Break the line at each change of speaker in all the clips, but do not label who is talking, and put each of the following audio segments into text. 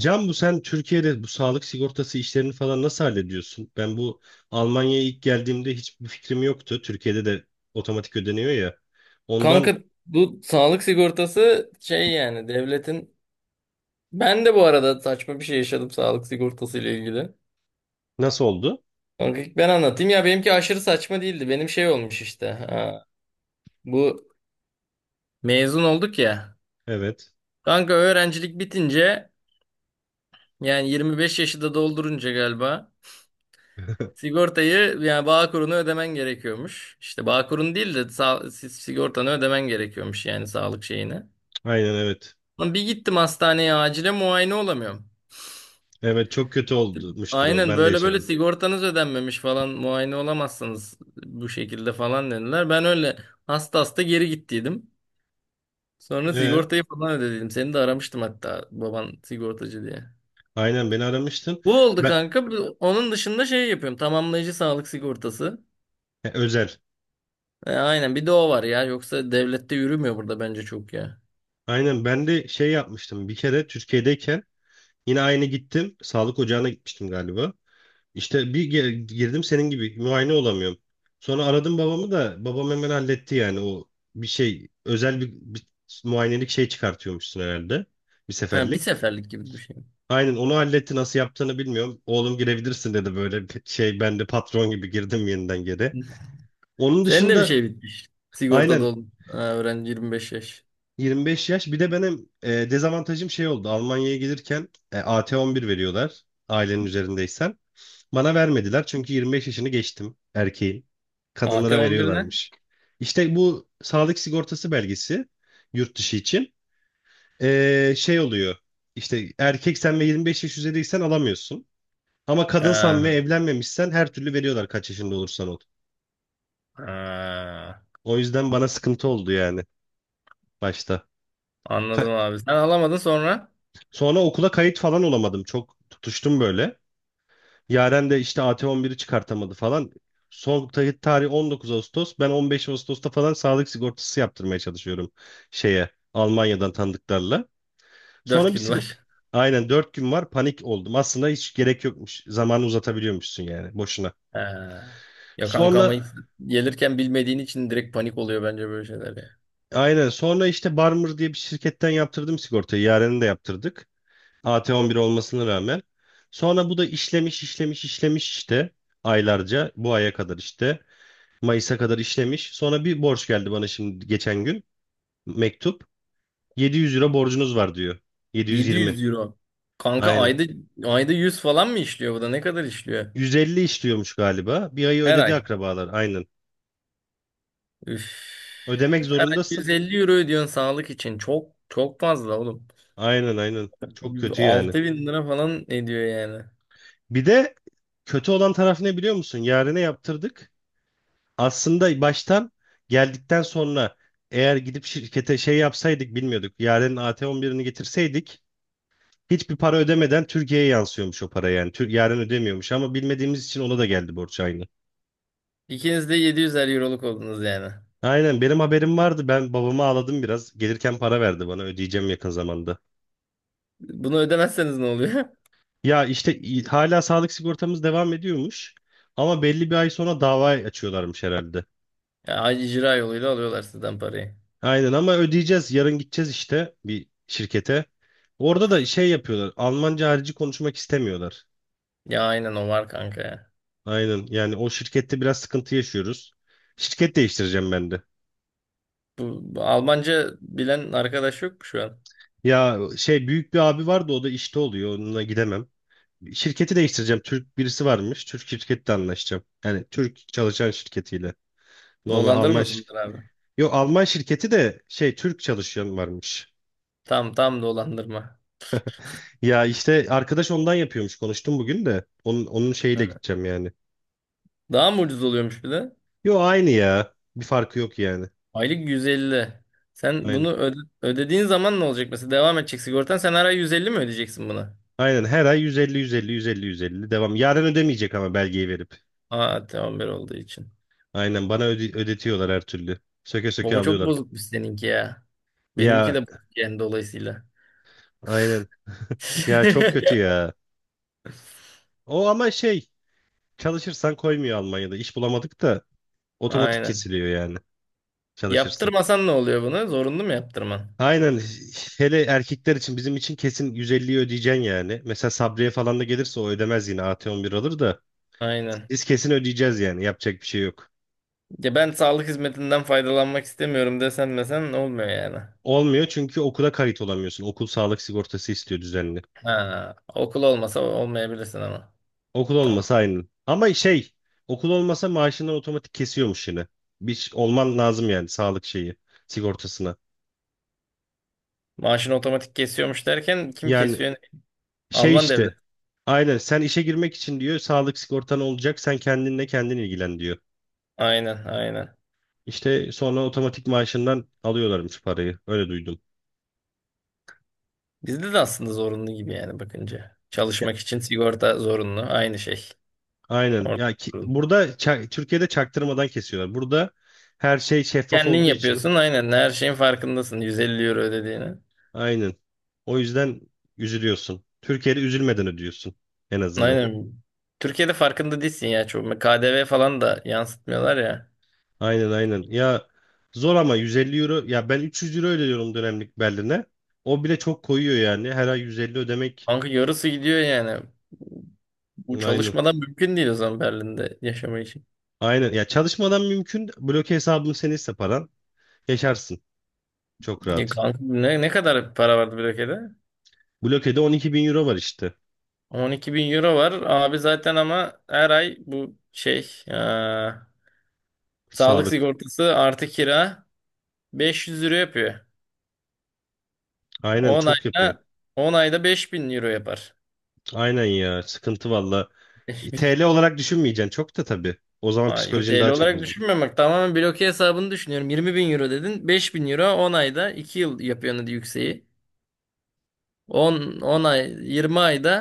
Can, bu sen Türkiye'de bu sağlık sigortası işlerini falan nasıl hallediyorsun? Ben bu Almanya'ya ilk geldiğimde hiçbir fikrim yoktu. Türkiye'de de otomatik ödeniyor ya. Ondan
Kanka bu sağlık sigortası şey yani devletin ben de bu arada saçma bir şey yaşadım sağlık sigortası ile ilgili.
Nasıl oldu?
Kanka ben anlatayım ya benimki aşırı saçma değildi. Benim şey olmuş işte. Ha, bu mezun olduk ya.
Evet.
Kanka öğrencilik bitince yani 25 yaşı da doldurunca galiba sigortayı yani Bağkur'unu ödemen gerekiyormuş. İşte Bağkur'un değil de sigortanı ödemen gerekiyormuş yani sağlık şeyini.
Aynen, evet.
Lan bir gittim hastaneye acile muayene olamıyorum.
Evet, çok kötü olmuştur o.
Aynen
Ben de
böyle böyle
yaşadım.
sigortanız ödenmemiş falan muayene olamazsınız bu şekilde falan dediler. Ben öyle hasta hasta geri gittiydim. Sonra
Ee,
sigortayı falan ödedim. Seni de aramıştım hatta baban sigortacı diye.
aynen, beni aramıştın.
Bu oldu
Ben
kanka. Onun dışında şey yapıyorum. Tamamlayıcı sağlık sigortası.
He, özel.
E, aynen bir de o var ya. Yoksa devlette yürümüyor burada bence çok ya.
Aynen, ben de şey yapmıştım. Bir kere Türkiye'deyken yine aynı gittim. Sağlık ocağına gitmiştim galiba. İşte girdim, senin gibi muayene olamıyorum. Sonra aradım babamı da babam hemen halletti yani o bir şey, özel bir muayenelik şey çıkartıyormuşsun herhalde, bir
Ha, bir
seferlik.
seferlik gibi bir şey.
Aynen, onu halletti, nasıl yaptığını bilmiyorum. Oğlum girebilirsin dedi, böyle bir şey, ben de patron gibi girdim yeniden geri. Onun
Senin de bir
dışında
şey bitmiş. Sigorta
aynen.
oldun. Ha, öğrenci 25 yaş.
25 yaş bir de benim, dezavantajım şey oldu. Almanya'ya gelirken AT11 veriyorlar ailenin üzerindeysen. Bana vermediler çünkü 25 yaşını geçtim, erkeğin.
AT
Kadınlara
11 ne?
veriyorlarmış. İşte bu sağlık sigortası belgesi, yurt dışı için şey oluyor. İşte erkeksen ve 25 yaş üzeriysen alamıyorsun. Ama kadınsan ve
Ha,
evlenmemişsen her türlü veriyorlar, kaç yaşında olursan ol.
ha.
O yüzden bana sıkıntı oldu yani başta.
Anladım
Ka-
abi. Sen alamadın sonra
Sonra okula kayıt falan olamadım. Çok tutuştum böyle. Yaren de işte AT11'i çıkartamadı falan. Son tarih 19 Ağustos. Ben 15 Ağustos'ta falan sağlık sigortası yaptırmaya çalışıyorum, şeye, Almanya'dan tanıdıklarla.
dört
Sonra bir
gün
sigorta...
var.
Aynen, 4 gün var, panik oldum. Aslında hiç gerek yokmuş. Zamanı uzatabiliyormuşsun yani, boşuna.
He. Ya kanka ama ilk
Sonra.
gelirken bilmediğin için direkt panik oluyor bence böyle şeyler ya.
Aynen, sonra işte Barmer diye bir şirketten yaptırdım sigortayı. Yaren'i de yaptırdık. AT11 olmasına rağmen. Sonra bu da işlemiş, işlemiş, işlemiş işte, aylarca, bu aya kadar işte. Mayıs'a kadar işlemiş. Sonra bir borç geldi bana şimdi geçen gün. Mektup. 700 euro borcunuz var diyor. 720.
700 euro. Kanka
Aynen.
ayda 100 falan mı işliyor, bu da ne kadar işliyor?
150 işliyormuş galiba. Bir ayı
Her
ödedi
ay.
akrabalar. Aynen.
Üf.
Ödemek zorundasın.
150 euro ödüyorsun sağlık için. Çok çok fazla oğlum.
Aynen, aynen. Çok kötü yani.
6.000 lira falan ediyor yani.
Bir de kötü olan taraf ne biliyor musun? Yarına yaptırdık. Aslında baştan, geldikten sonra, eğer gidip şirkete şey yapsaydık, bilmiyorduk. Yaren'in AT11'ini getirseydik hiçbir para ödemeden Türkiye'ye yansıyormuş o para yani. Yarın ödemiyormuş ama bilmediğimiz için ona da geldi borç, aynı.
İkiniz de 700'er euroluk oldunuz yani.
Aynen, benim haberim vardı. Ben babama ağladım biraz. Gelirken para verdi bana, ödeyeceğim yakın zamanda.
Bunu ödemezseniz ne oluyor?
Ya işte hala sağlık sigortamız devam ediyormuş. Ama belli bir ay sonra dava açıyorlarmış herhalde.
Ya icra yoluyla alıyorlar sizden parayı.
Aynen, ama ödeyeceğiz. Yarın gideceğiz işte bir şirkete. Orada da şey yapıyorlar. Almanca harici konuşmak istemiyorlar.
Ya aynen o var kanka ya.
Aynen yani, o şirkette biraz sıkıntı yaşıyoruz. Şirket değiştireceğim ben de.
Bu Almanca bilen arkadaş yok mu şu an?
Ya şey, büyük bir abi vardı, o da işte oluyor, onunla gidemem. Şirketi değiştireceğim. Türk birisi varmış. Türk şirketle anlaşacağım. Yani Türk çalışan şirketiyle. Normal Alman şirketi.
Dolandırmasındır abi.
Yok, Alman şirketi de şey, Türk çalışan varmış.
Tam tam dolandırma.
Ya işte arkadaş ondan yapıyormuş. Konuştum bugün de. Onun şeyiyle
Ha.
gideceğim yani.
Daha mı ucuz oluyormuş bir de?
Yo, aynı ya. Bir farkı yok yani.
Aylık 150. Sen
Aynen.
bunu ödediğin zaman ne olacak? Mesela devam edecek sigortan. Sen her ay 150 mi ödeyeceksin buna?
Aynen her ay 150 150 150 150 devam. Yarın ödemeyecek ama, belgeyi verip.
Aa, tamam bir olduğu için.
Aynen, bana ödetiyorlar her türlü. Söke söke
Baba çok
alıyorlar.
bozukmuş seninki ya. Benimki
Ya.
de bozuk yani dolayısıyla.
Aynen. Ya çok kötü ya. O ama şey, çalışırsan koymuyor Almanya'da. İş bulamadık da otomatik
Aynen.
kesiliyor yani çalışırsan.
Yaptırmasan ne oluyor bunu? Zorunlu mu yaptırman?
Aynen, hele erkekler için, bizim için kesin 150'yi ödeyeceksin yani. Mesela Sabriye falan da gelirse o ödemez, yine AT11 alır da,
Aynen.
biz kesin ödeyeceğiz yani, yapacak bir şey yok.
Ya ben sağlık hizmetinden faydalanmak istemiyorum desen desen olmuyor yani.
Olmuyor çünkü okula kayıt olamıyorsun. Okul sağlık sigortası istiyor düzenli.
Ha, okul olmasa olmayabilirsin ama.
Okul
Tabii.
olmasa aynı. Ama şey, okul olmasa maaşından otomatik kesiyormuş yine. Bir olman lazım yani sağlık şeyi, sigortasına.
Maaşını otomatik kesiyormuş derken kim
Yani
kesiyor?
şey
Alman
işte.
devlet.
Aynen, sen işe girmek için diyor sağlık sigortan olacak, sen kendinle kendin ilgilen diyor.
Aynen, aynen.
İşte sonra otomatik maaşından alıyorlarmış parayı, öyle duydum.
Bizde de aslında zorunlu gibi yani bakınca.
Ya-
Çalışmak için sigorta zorunlu. Aynı şey.
Aynen
Orada
ya ki,
zorunlu.
burada Türkiye'de çaktırmadan kesiyorlar. Burada her şey şeffaf
Kendin
olduğu için
yapıyorsun. Aynen. Her şeyin farkındasın. 150 euro ödediğini.
aynen, o yüzden üzülüyorsun. Türkiye'de üzülmeden ödüyorsun en azından.
Aynen. Türkiye'de farkında değilsin ya. Çok. KDV falan da yansıtmıyorlar ya.
Aynen, aynen ya, zor ama. 150 euro ya, ben 300 euro ödüyorum dönemlik Berlin'e. O bile çok koyuyor yani, her ay 150 ödemek.
Kanka yarısı gidiyor yani. Bu
Aynen.
çalışmadan mümkün değil o zaman Berlin'de yaşamak için.
Aynen. Ya, çalışmadan mümkün. Bloke hesabın seniyse paran, yaşarsın. Çok
Ya
rahat.
kanka ne kadar para vardı blokede?
Bloke'de 12 bin euro var işte.
12 bin euro var. Abi zaten ama her ay bu şey sağlık
Sağlık.
sigortası artı kira 500 euro yapıyor.
Aynen,
10
çok yapıyor.
ayda 10 ayda 5.000 euro yapar.
Aynen ya. Sıkıntı valla. TL olarak düşünmeyeceksin çok da tabii. O zaman
Ay, yo,
psikolojin
TL
daha çok
olarak
bozulur.
düşünmüyorum, bak tamamen bloke hesabını düşünüyorum. 20 bin euro dedin, 5.000 euro 10 ayda 2 yıl yapıyor hadi yükseği. 10 ay 20 ayda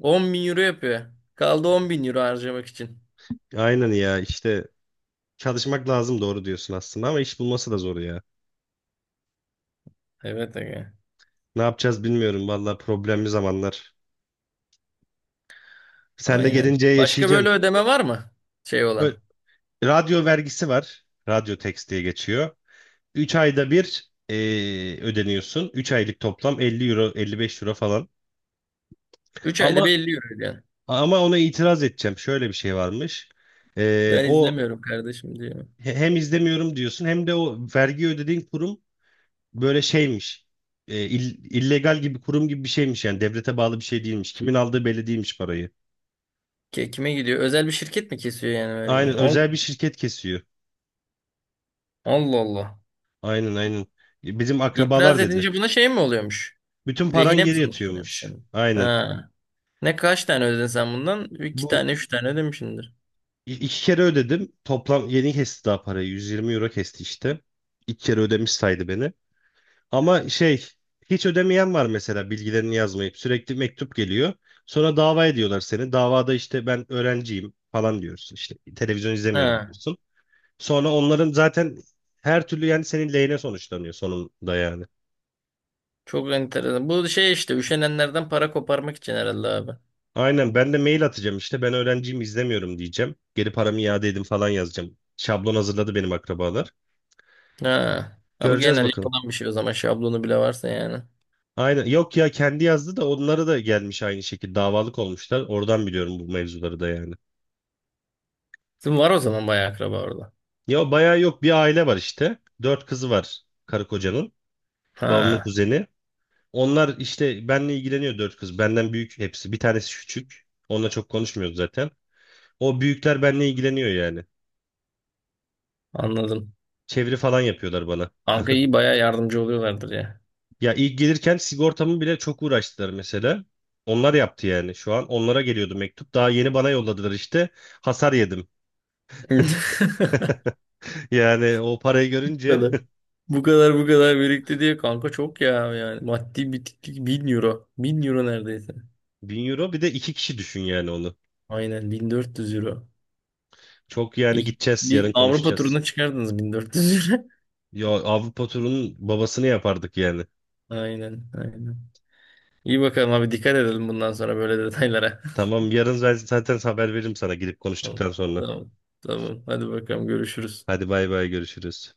10 bin euro yapıyor. Kaldı 10 bin euro harcamak için.
Aynen ya işte, çalışmak lazım, doğru diyorsun aslında ama iş bulması da zor ya.
Evet, aga.
Ne yapacağız bilmiyorum valla, problemli zamanlar. Sen de
Aynen.
gelince
Başka böyle
yaşayacaksın.
ödeme var mı? Şey
Ö-
olan.
Radyo vergisi var. Radyo tax diye geçiyor. 3 ayda bir ödeniyorsun. 3 aylık toplam 50 euro, 55 euro falan.
Üç ayda
Ama
bir 50 euro ödüyorsun.
ama ona itiraz edeceğim. Şöyle bir şey varmış.
Ben
O,
izlemiyorum kardeşim diyor.
hem izlemiyorum diyorsun, hem de o vergi ödediğin kurum böyle şeymiş. Illegal gibi kurum gibi bir şeymiş yani, devlete bağlı bir şey değilmiş. Kimin aldığı belli değilmiş parayı.
Kime gidiyor? Özel bir şirket mi kesiyor yani vergiyi?
Aynen, özel bir şirket kesiyor.
Allah Allah.
Aynen, aynen. Bizim
İtiraz
akrabalar dedi.
edince buna şey mi oluyormuş?
Bütün paran
Lehine mi
geri
sonuçlanıyormuş
yatıyormuş.
senin?
Aynen.
Ha. Ne kaç tane ödedin sen bundan? İki
Bu
tane, üç tane ödemişsindir.
İki kere ödedim. Toplam yeni kesti daha parayı. 120 euro kesti işte. İki kere ödemiş saydı beni. Ama şey, hiç ödemeyen var mesela, bilgilerini yazmayıp sürekli mektup geliyor. Sonra dava ediyorlar seni. Davada işte ben öğrenciyim falan diyorsun. İşte televizyon izlemiyorum
Ha.
diyorsun. Sonra onların zaten her türlü yani, senin lehine sonuçlanıyor sonunda yani.
Çok enteresan. Bu şey işte üşenenlerden para koparmak için herhalde abi.
Aynen, ben de mail atacağım işte, ben öğrenciyim izlemiyorum diyeceğim. Geri paramı iade edin falan yazacağım. Şablon hazırladı benim akrabalar.
Ha. Ha, bu
Göreceğiz
genel
bakalım.
yapılan bir şey o zaman, şablonu bile varsa yani.
Aynen. Yok ya, kendi yazdı da onlara da gelmiş aynı şekilde, davalık olmuşlar. Oradan biliyorum bu mevzuları da yani.
Sizin var o zaman bayağı akraba orada.
Ya bayağı yok, bir aile var işte. Dört kızı var karı kocanın. Babamın
Ha.
kuzeni. Onlar işte benle ilgileniyor, dört kız. Benden büyük hepsi. Bir tanesi küçük. Onunla çok konuşmuyoruz zaten. O büyükler benle ilgileniyor yani.
Anladım.
Çeviri falan yapıyorlar bana.
Kanka iyi bayağı yardımcı oluyorlardır ya.
Ya ilk gelirken sigortamı bile çok uğraştılar mesela. Onlar yaptı yani şu an. Onlara geliyordu mektup. Daha yeni bana yolladılar işte. Hasar yedim. Yani o parayı
Bu
görünce...
kadar. Bu kadar bu kadar birikti diye kanka, çok ya yani maddi bitiklik, 1.000 euro. 1.000 euro neredeyse.
1.000 euro, bir de iki kişi düşün yani onu.
Aynen, 1.400 euro.
Çok yani,
İlk
gideceğiz
bir
yarın,
Avrupa
konuşacağız.
turuna çıkardınız 1.400 euro.
Ya, Avrupa turunun babasını yapardık yani.
Aynen aynen. İyi bakalım abi, dikkat edelim bundan sonra böyle detaylara.
Tamam, yarın ben zaten haber veririm sana, gidip
Tamam
konuştuktan sonra.
tamam tamam, hadi bakalım görüşürüz.
Hadi bay bay, görüşürüz.